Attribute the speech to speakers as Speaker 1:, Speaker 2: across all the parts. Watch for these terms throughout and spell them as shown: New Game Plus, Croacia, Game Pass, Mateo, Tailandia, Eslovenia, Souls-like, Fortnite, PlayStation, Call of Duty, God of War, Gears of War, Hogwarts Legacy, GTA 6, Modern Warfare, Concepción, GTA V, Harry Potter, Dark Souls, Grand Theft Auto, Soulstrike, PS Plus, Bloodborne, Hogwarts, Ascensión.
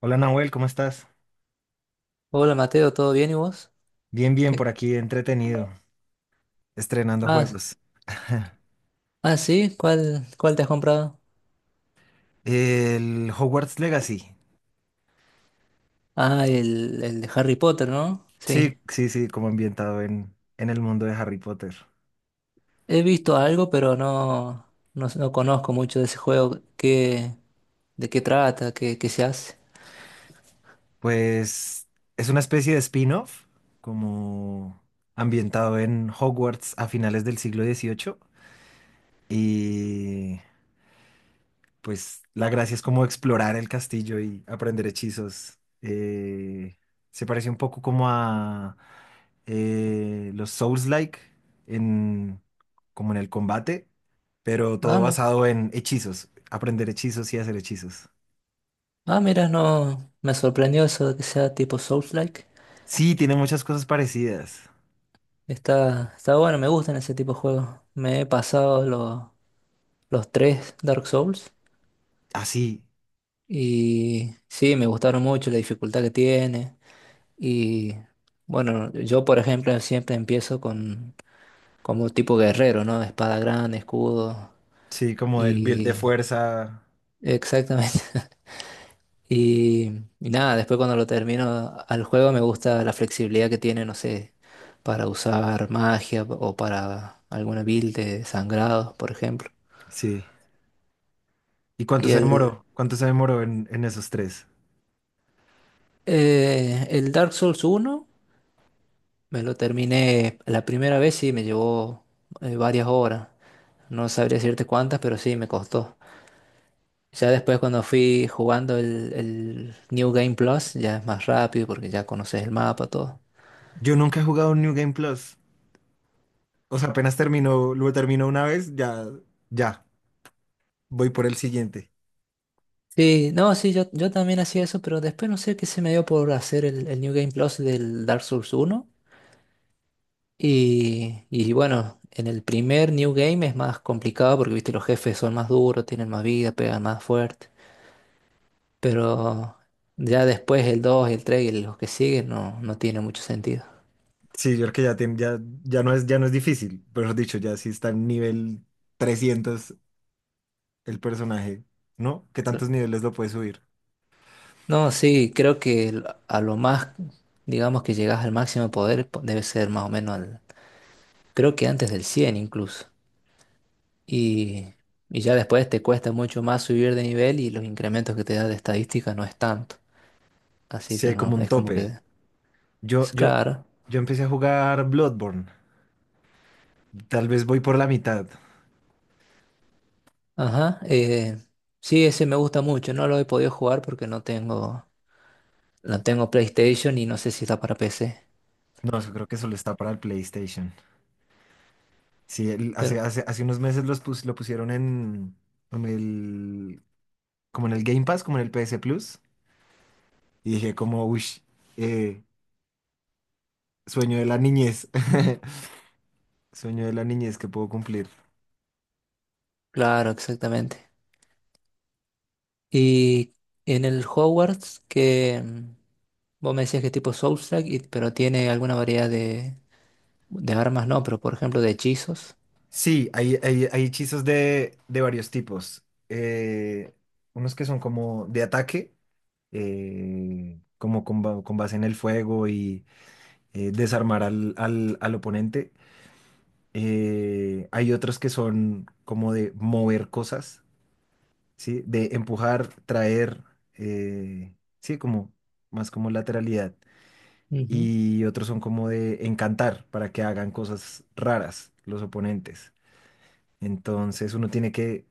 Speaker 1: Hola Nahuel, ¿cómo estás?
Speaker 2: Hola Mateo, ¿todo bien y vos?
Speaker 1: Bien, bien,
Speaker 2: ¿Qué?
Speaker 1: por aquí, entretenido, estrenando
Speaker 2: Ah, s-
Speaker 1: juegos.
Speaker 2: ah, sí, ¿cuál te has comprado?
Speaker 1: El Hogwarts Legacy.
Speaker 2: Ah, el de Harry Potter, ¿no?
Speaker 1: Sí,
Speaker 2: Sí.
Speaker 1: sí, sí, como ambientado en el mundo de Harry Potter.
Speaker 2: He visto algo, pero no conozco mucho de ese juego. ¿Qué, de qué trata? ¿Qué, qué se hace?
Speaker 1: Pues es una especie de spin-off, como ambientado en Hogwarts a finales del siglo XVIII. Pues la gracia es como explorar el castillo y aprender hechizos. Se parece un poco como a los Souls-like en, como en el combate, pero todo
Speaker 2: Ah, me-
Speaker 1: basado en hechizos, aprender hechizos y hacer hechizos.
Speaker 2: ah, mira, no, me sorprendió eso de que sea tipo Souls-like.
Speaker 1: Sí, tiene muchas cosas parecidas.
Speaker 2: Está bueno, me gustan ese tipo de juegos. Me he pasado lo- Los tres Dark Souls
Speaker 1: Así,
Speaker 2: y sí, me gustaron mucho la dificultad que tiene. Y bueno, yo por ejemplo siempre empiezo con como tipo guerrero, ¿no? Espada grande, escudo
Speaker 1: sí, sí, como el build de
Speaker 2: y
Speaker 1: fuerza.
Speaker 2: exactamente. Y, y nada, después cuando lo termino al juego me gusta la flexibilidad que tiene, no sé, para usar magia o para alguna build de sangrados, por ejemplo.
Speaker 1: Sí. ¿Y cuánto
Speaker 2: Y
Speaker 1: se
Speaker 2: el,
Speaker 1: demoró? ¿Cuánto se demoró en esos tres?
Speaker 2: el Dark Souls uno me lo terminé la primera vez, sí, me llevó varias horas. No sabría decirte cuántas, pero sí, me costó. Ya después cuando fui jugando el New Game Plus, ya es más rápido porque ya conoces el mapa, todo.
Speaker 1: Yo nunca he jugado un New Game Plus. O sea, apenas terminó, lo terminó una vez, ya, ya, voy por el siguiente.
Speaker 2: Sí, no, sí, yo también hacía eso, pero después no sé qué se me dio por hacer el New Game Plus del Dark Souls uno. Y bueno, en el primer New Game es más complicado porque, viste, los jefes son más duros, tienen más vida, pegan más fuerte. Pero ya después el 2 el 3 y los que siguen no, no tiene mucho sentido.
Speaker 1: Sí, yo creo que ya, ya no es difícil, pero dicho, ya sí está en nivel 300 el personaje, ¿no? ¿Qué tantos niveles lo puede subir?
Speaker 2: No, sí, a lo más, digamos que llegas al máximo poder, debe ser más o menos al, creo que antes del 100 incluso. Y, y ya después te cuesta mucho más subir de nivel y los incrementos que te da de estadística no es tanto. Así
Speaker 1: Sí,
Speaker 2: que
Speaker 1: hay como
Speaker 2: no,
Speaker 1: un
Speaker 2: es como
Speaker 1: tope.
Speaker 2: que,
Speaker 1: Yo,
Speaker 2: es
Speaker 1: yo,
Speaker 2: claro.
Speaker 1: yo empecé a jugar Bloodborne. Tal vez voy por la mitad.
Speaker 2: Ajá. Sí, ese me gusta mucho. No lo he podido jugar porque no tengo, No tengo PlayStation y no sé si está para PC.
Speaker 1: No, yo creo que solo está para el PlayStation. Sí,
Speaker 2: Pero,
Speaker 1: hace unos meses lo pusieron en el, como en el Game Pass, como en el PS Plus. Y dije como, uy, eh, sueño de la niñez, sueño de la niñez que puedo cumplir.
Speaker 2: claro, exactamente. Y en el Hogwarts que... Vos me decías que es tipo Soulstrike, pero tiene alguna variedad de armas, no, pero por ejemplo de hechizos.
Speaker 1: Sí, hay hechizos de varios tipos. Unos que son como de ataque, como con base en el fuego y desarmar al oponente. Hay otros que son como de mover cosas, ¿sí? De empujar, traer, eh, sí, como más como lateralidad.
Speaker 2: Ujú,
Speaker 1: Y otros son como de encantar para que hagan cosas raras los oponentes. Entonces uno tiene que,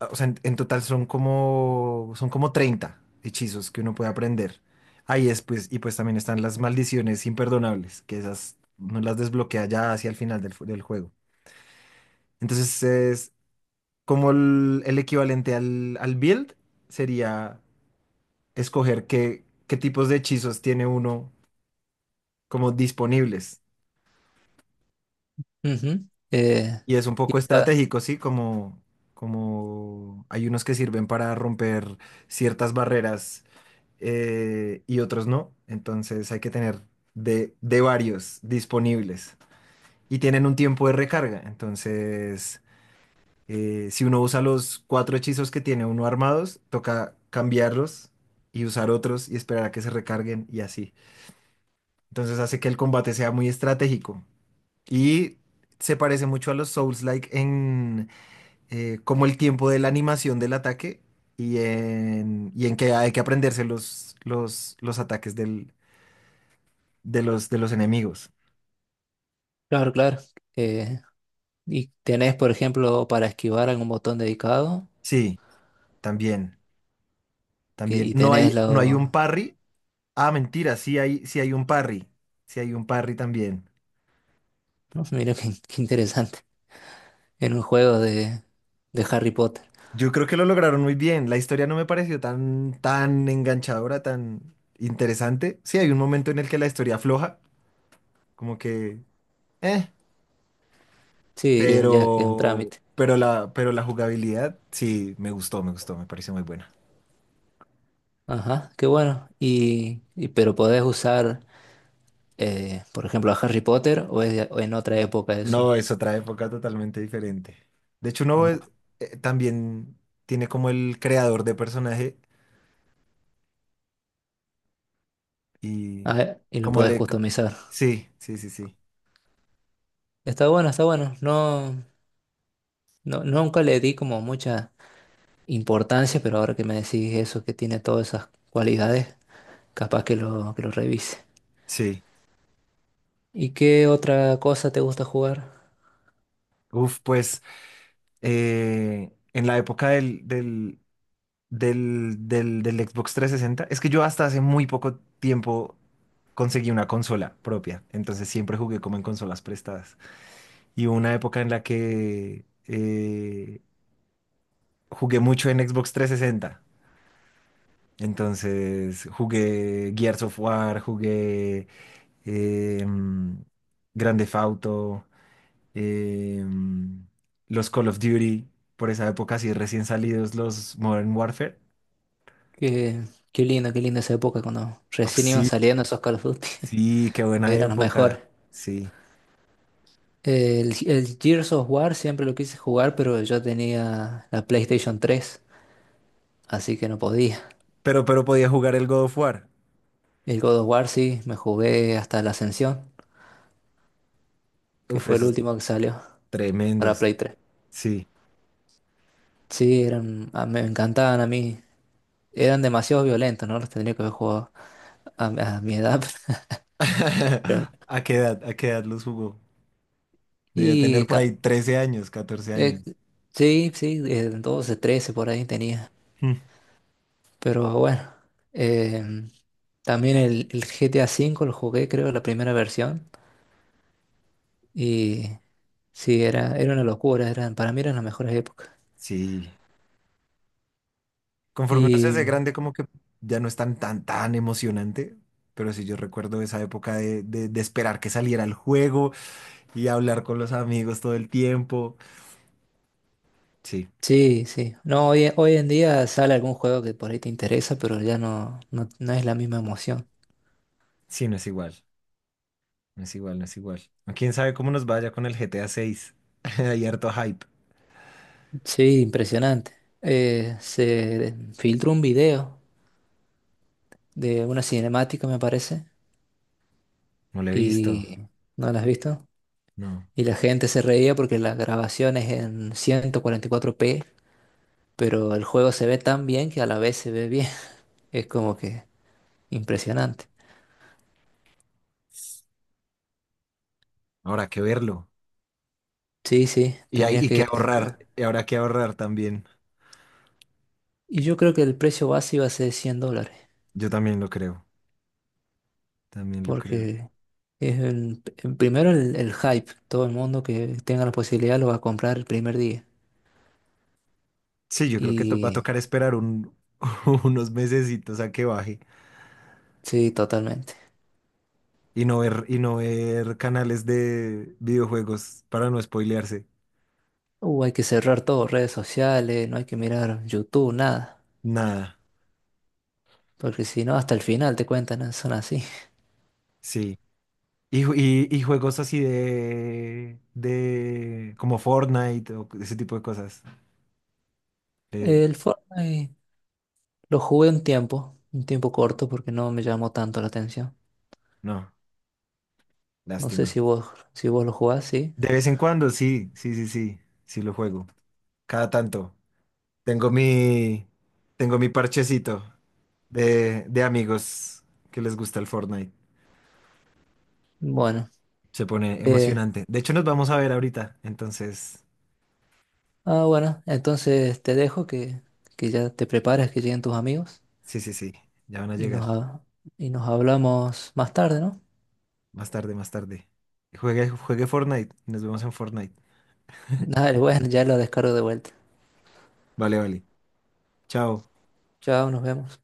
Speaker 1: o sea, en total son como 30 hechizos que uno puede aprender. Ahí es, pues, y pues también están las maldiciones imperdonables, que esas uno las desbloquea ya hacia el final del juego. Entonces es como el equivalente al build sería escoger qué tipos de hechizos tiene uno como disponibles.
Speaker 2: ujú.
Speaker 1: Y es un
Speaker 2: Y
Speaker 1: poco
Speaker 2: esa-
Speaker 1: estratégico, ¿sí? Como hay unos que sirven para romper ciertas barreras y otros no. Entonces hay que tener de varios disponibles. Y tienen un tiempo de recarga. Entonces, si uno usa los cuatro hechizos que tiene uno armados, toca cambiarlos y usar otros y esperar a que se recarguen y así. Entonces hace que el combate sea muy estratégico. Y se parece mucho a los Souls-like como el tiempo de la animación del ataque y en que hay que aprenderse los ataques de los enemigos.
Speaker 2: claro, claro. eh, y tenés, por ejemplo, para esquivar algún botón dedicado,
Speaker 1: Sí, también,
Speaker 2: que,
Speaker 1: también.
Speaker 2: y
Speaker 1: No
Speaker 2: tenés
Speaker 1: hay, no hay un
Speaker 2: lo...
Speaker 1: parry. Ah, mentira, sí hay un parry. Sí hay un parry también.
Speaker 2: No, mira qué, qué interesante. En un juego de Harry Potter.
Speaker 1: Yo creo que lo lograron muy bien. La historia no me pareció tan, tan enganchadora, tan interesante. Sí, hay un momento en el que la historia afloja, como que, eh,
Speaker 2: Sí, ya que es un
Speaker 1: Pero,
Speaker 2: trámite.
Speaker 1: pero la, pero la jugabilidad sí me gustó, me pareció muy buena.
Speaker 2: Ajá, qué bueno. Pero podés usar, por ejemplo, a Harry Potter o en otra época
Speaker 1: No,
Speaker 2: eso.
Speaker 1: es otra época totalmente diferente. De hecho, uno también tiene como el creador de personaje
Speaker 2: A
Speaker 1: y
Speaker 2: ver, y lo
Speaker 1: como
Speaker 2: podés
Speaker 1: le...
Speaker 2: customizar.
Speaker 1: Sí, sí, sí, sí,
Speaker 2: Está bueno. No, no, nunca le di como mucha importancia, pero ahora que me decís eso, que tiene todas esas cualidades, capaz que lo revise.
Speaker 1: sí.
Speaker 2: ¿Y qué otra cosa te gusta jugar?
Speaker 1: Uf, pues en la época del Xbox 360, es que yo hasta hace muy poco tiempo conseguí una consola propia, entonces siempre jugué como en consolas prestadas. Y hubo una época en la que jugué mucho en Xbox 360. Entonces jugué Gears of War, jugué em, Grand Theft Auto, em, los Call of Duty, por esa época, sí, recién salidos los Modern Warfare.
Speaker 2: Qué, qué linda esa época cuando
Speaker 1: Oh,
Speaker 2: recién iban
Speaker 1: sí,
Speaker 2: saliendo esos Call of Duty.
Speaker 1: sí, qué buena
Speaker 2: Eran los mejores.
Speaker 1: época, sí.
Speaker 2: El Gears of War siempre lo quise jugar, pero yo tenía la PlayStation 3 así que no podía.
Speaker 1: Pero podía jugar el God of War.
Speaker 2: El God of War sí, me jugué hasta la Ascensión, que
Speaker 1: Uf,
Speaker 2: fue el
Speaker 1: esos
Speaker 2: último que salió. Para
Speaker 1: tremendos,
Speaker 2: Play 3.
Speaker 1: sí.
Speaker 2: Sí, me encantaban a mí. Eran demasiado violentos, ¿no? Los tendría que haber jugado a, a mi edad. pero-
Speaker 1: A qué edad los jugó? Debía tener
Speaker 2: Y
Speaker 1: por ahí
Speaker 2: ca-
Speaker 1: 13 años, 14
Speaker 2: eh,
Speaker 1: años.
Speaker 2: sí, sí, 12, 13 por ahí tenía.
Speaker 1: Mm.
Speaker 2: Pero bueno, em, también el GTA V lo jugué, creo, la primera versión. Y sí, era una locura, para mí eran las mejores épocas.
Speaker 1: Sí, conforme uno se
Speaker 2: Y
Speaker 1: hace grande, como que ya no es tan, tan, tan emocionante. Pero sí, yo recuerdo esa época de esperar que saliera el juego y hablar con los amigos todo el tiempo. Sí,
Speaker 2: sí, sí. No, hoy en día sale algún juego que por ahí te interesa, pero ya no es la misma emoción.
Speaker 1: sí, no es igual. No es igual, no es igual. ¿Quién sabe cómo nos vaya con el GTA 6? Hay harto hype.
Speaker 2: Sí, impresionante. Se filtró un video de una cinemática, me parece,
Speaker 1: No lo he visto.
Speaker 2: y no la has visto.
Speaker 1: No.
Speaker 2: Y la gente se reía porque la grabación es en 144p, pero el juego se ve tan bien que a la vez se ve bien. Es como que impresionante.
Speaker 1: Habrá que verlo.
Speaker 2: Sí, sí,
Speaker 1: Y hay
Speaker 2: tendrías
Speaker 1: y que
Speaker 2: que...
Speaker 1: ahorrar. Y habrá que ahorrar también.
Speaker 2: Y yo creo que el precio base iba a ser 100 dólares,
Speaker 1: Yo también lo creo. También lo creo.
Speaker 2: porque es el primero, el hype. Todo el mundo que tenga la posibilidad lo va a comprar el primer día.
Speaker 1: Sí, yo creo que va a
Speaker 2: Y...
Speaker 1: tocar esperar unos mesecitos a que baje
Speaker 2: Sí, totalmente.
Speaker 1: y no ver, canales de videojuegos para no spoilearse.
Speaker 2: Hay que cerrar todo, redes sociales, no hay que mirar YouTube, nada.
Speaker 1: Nada,
Speaker 2: Porque si no, hasta el final te cuentan, ¿no? Son así.
Speaker 1: sí. Y juegos así de como Fortnite o ese tipo de cosas. Eh,
Speaker 2: El Fortnite lo jugué un tiempo corto, porque no me llamó tanto la atención.
Speaker 1: no,
Speaker 2: No sé
Speaker 1: lástima.
Speaker 2: si vos, si vos lo jugás, sí.
Speaker 1: De vez en cuando, sí, sí, sí, sí, sí lo juego. Cada tanto. Tengo mi, tengo mi parchecito de amigos que les gusta el Fortnite.
Speaker 2: Bueno,
Speaker 1: Se pone
Speaker 2: eh,
Speaker 1: emocionante. De hecho, nos vamos a ver ahorita. Entonces,
Speaker 2: bueno, entonces te dejo que ya te prepares, que lleguen tus amigos
Speaker 1: sí, sí, sí. Ya van a
Speaker 2: y
Speaker 1: llegar.
Speaker 2: nos, ha- y nos hablamos más tarde, ¿no?
Speaker 1: Más tarde, más tarde. Juegue, juegue Fortnite. Nos vemos en Fortnite.
Speaker 2: Dale, bueno, ya lo descargo de vuelta.
Speaker 1: Vale, vale. Chao.
Speaker 2: Chao, nos vemos.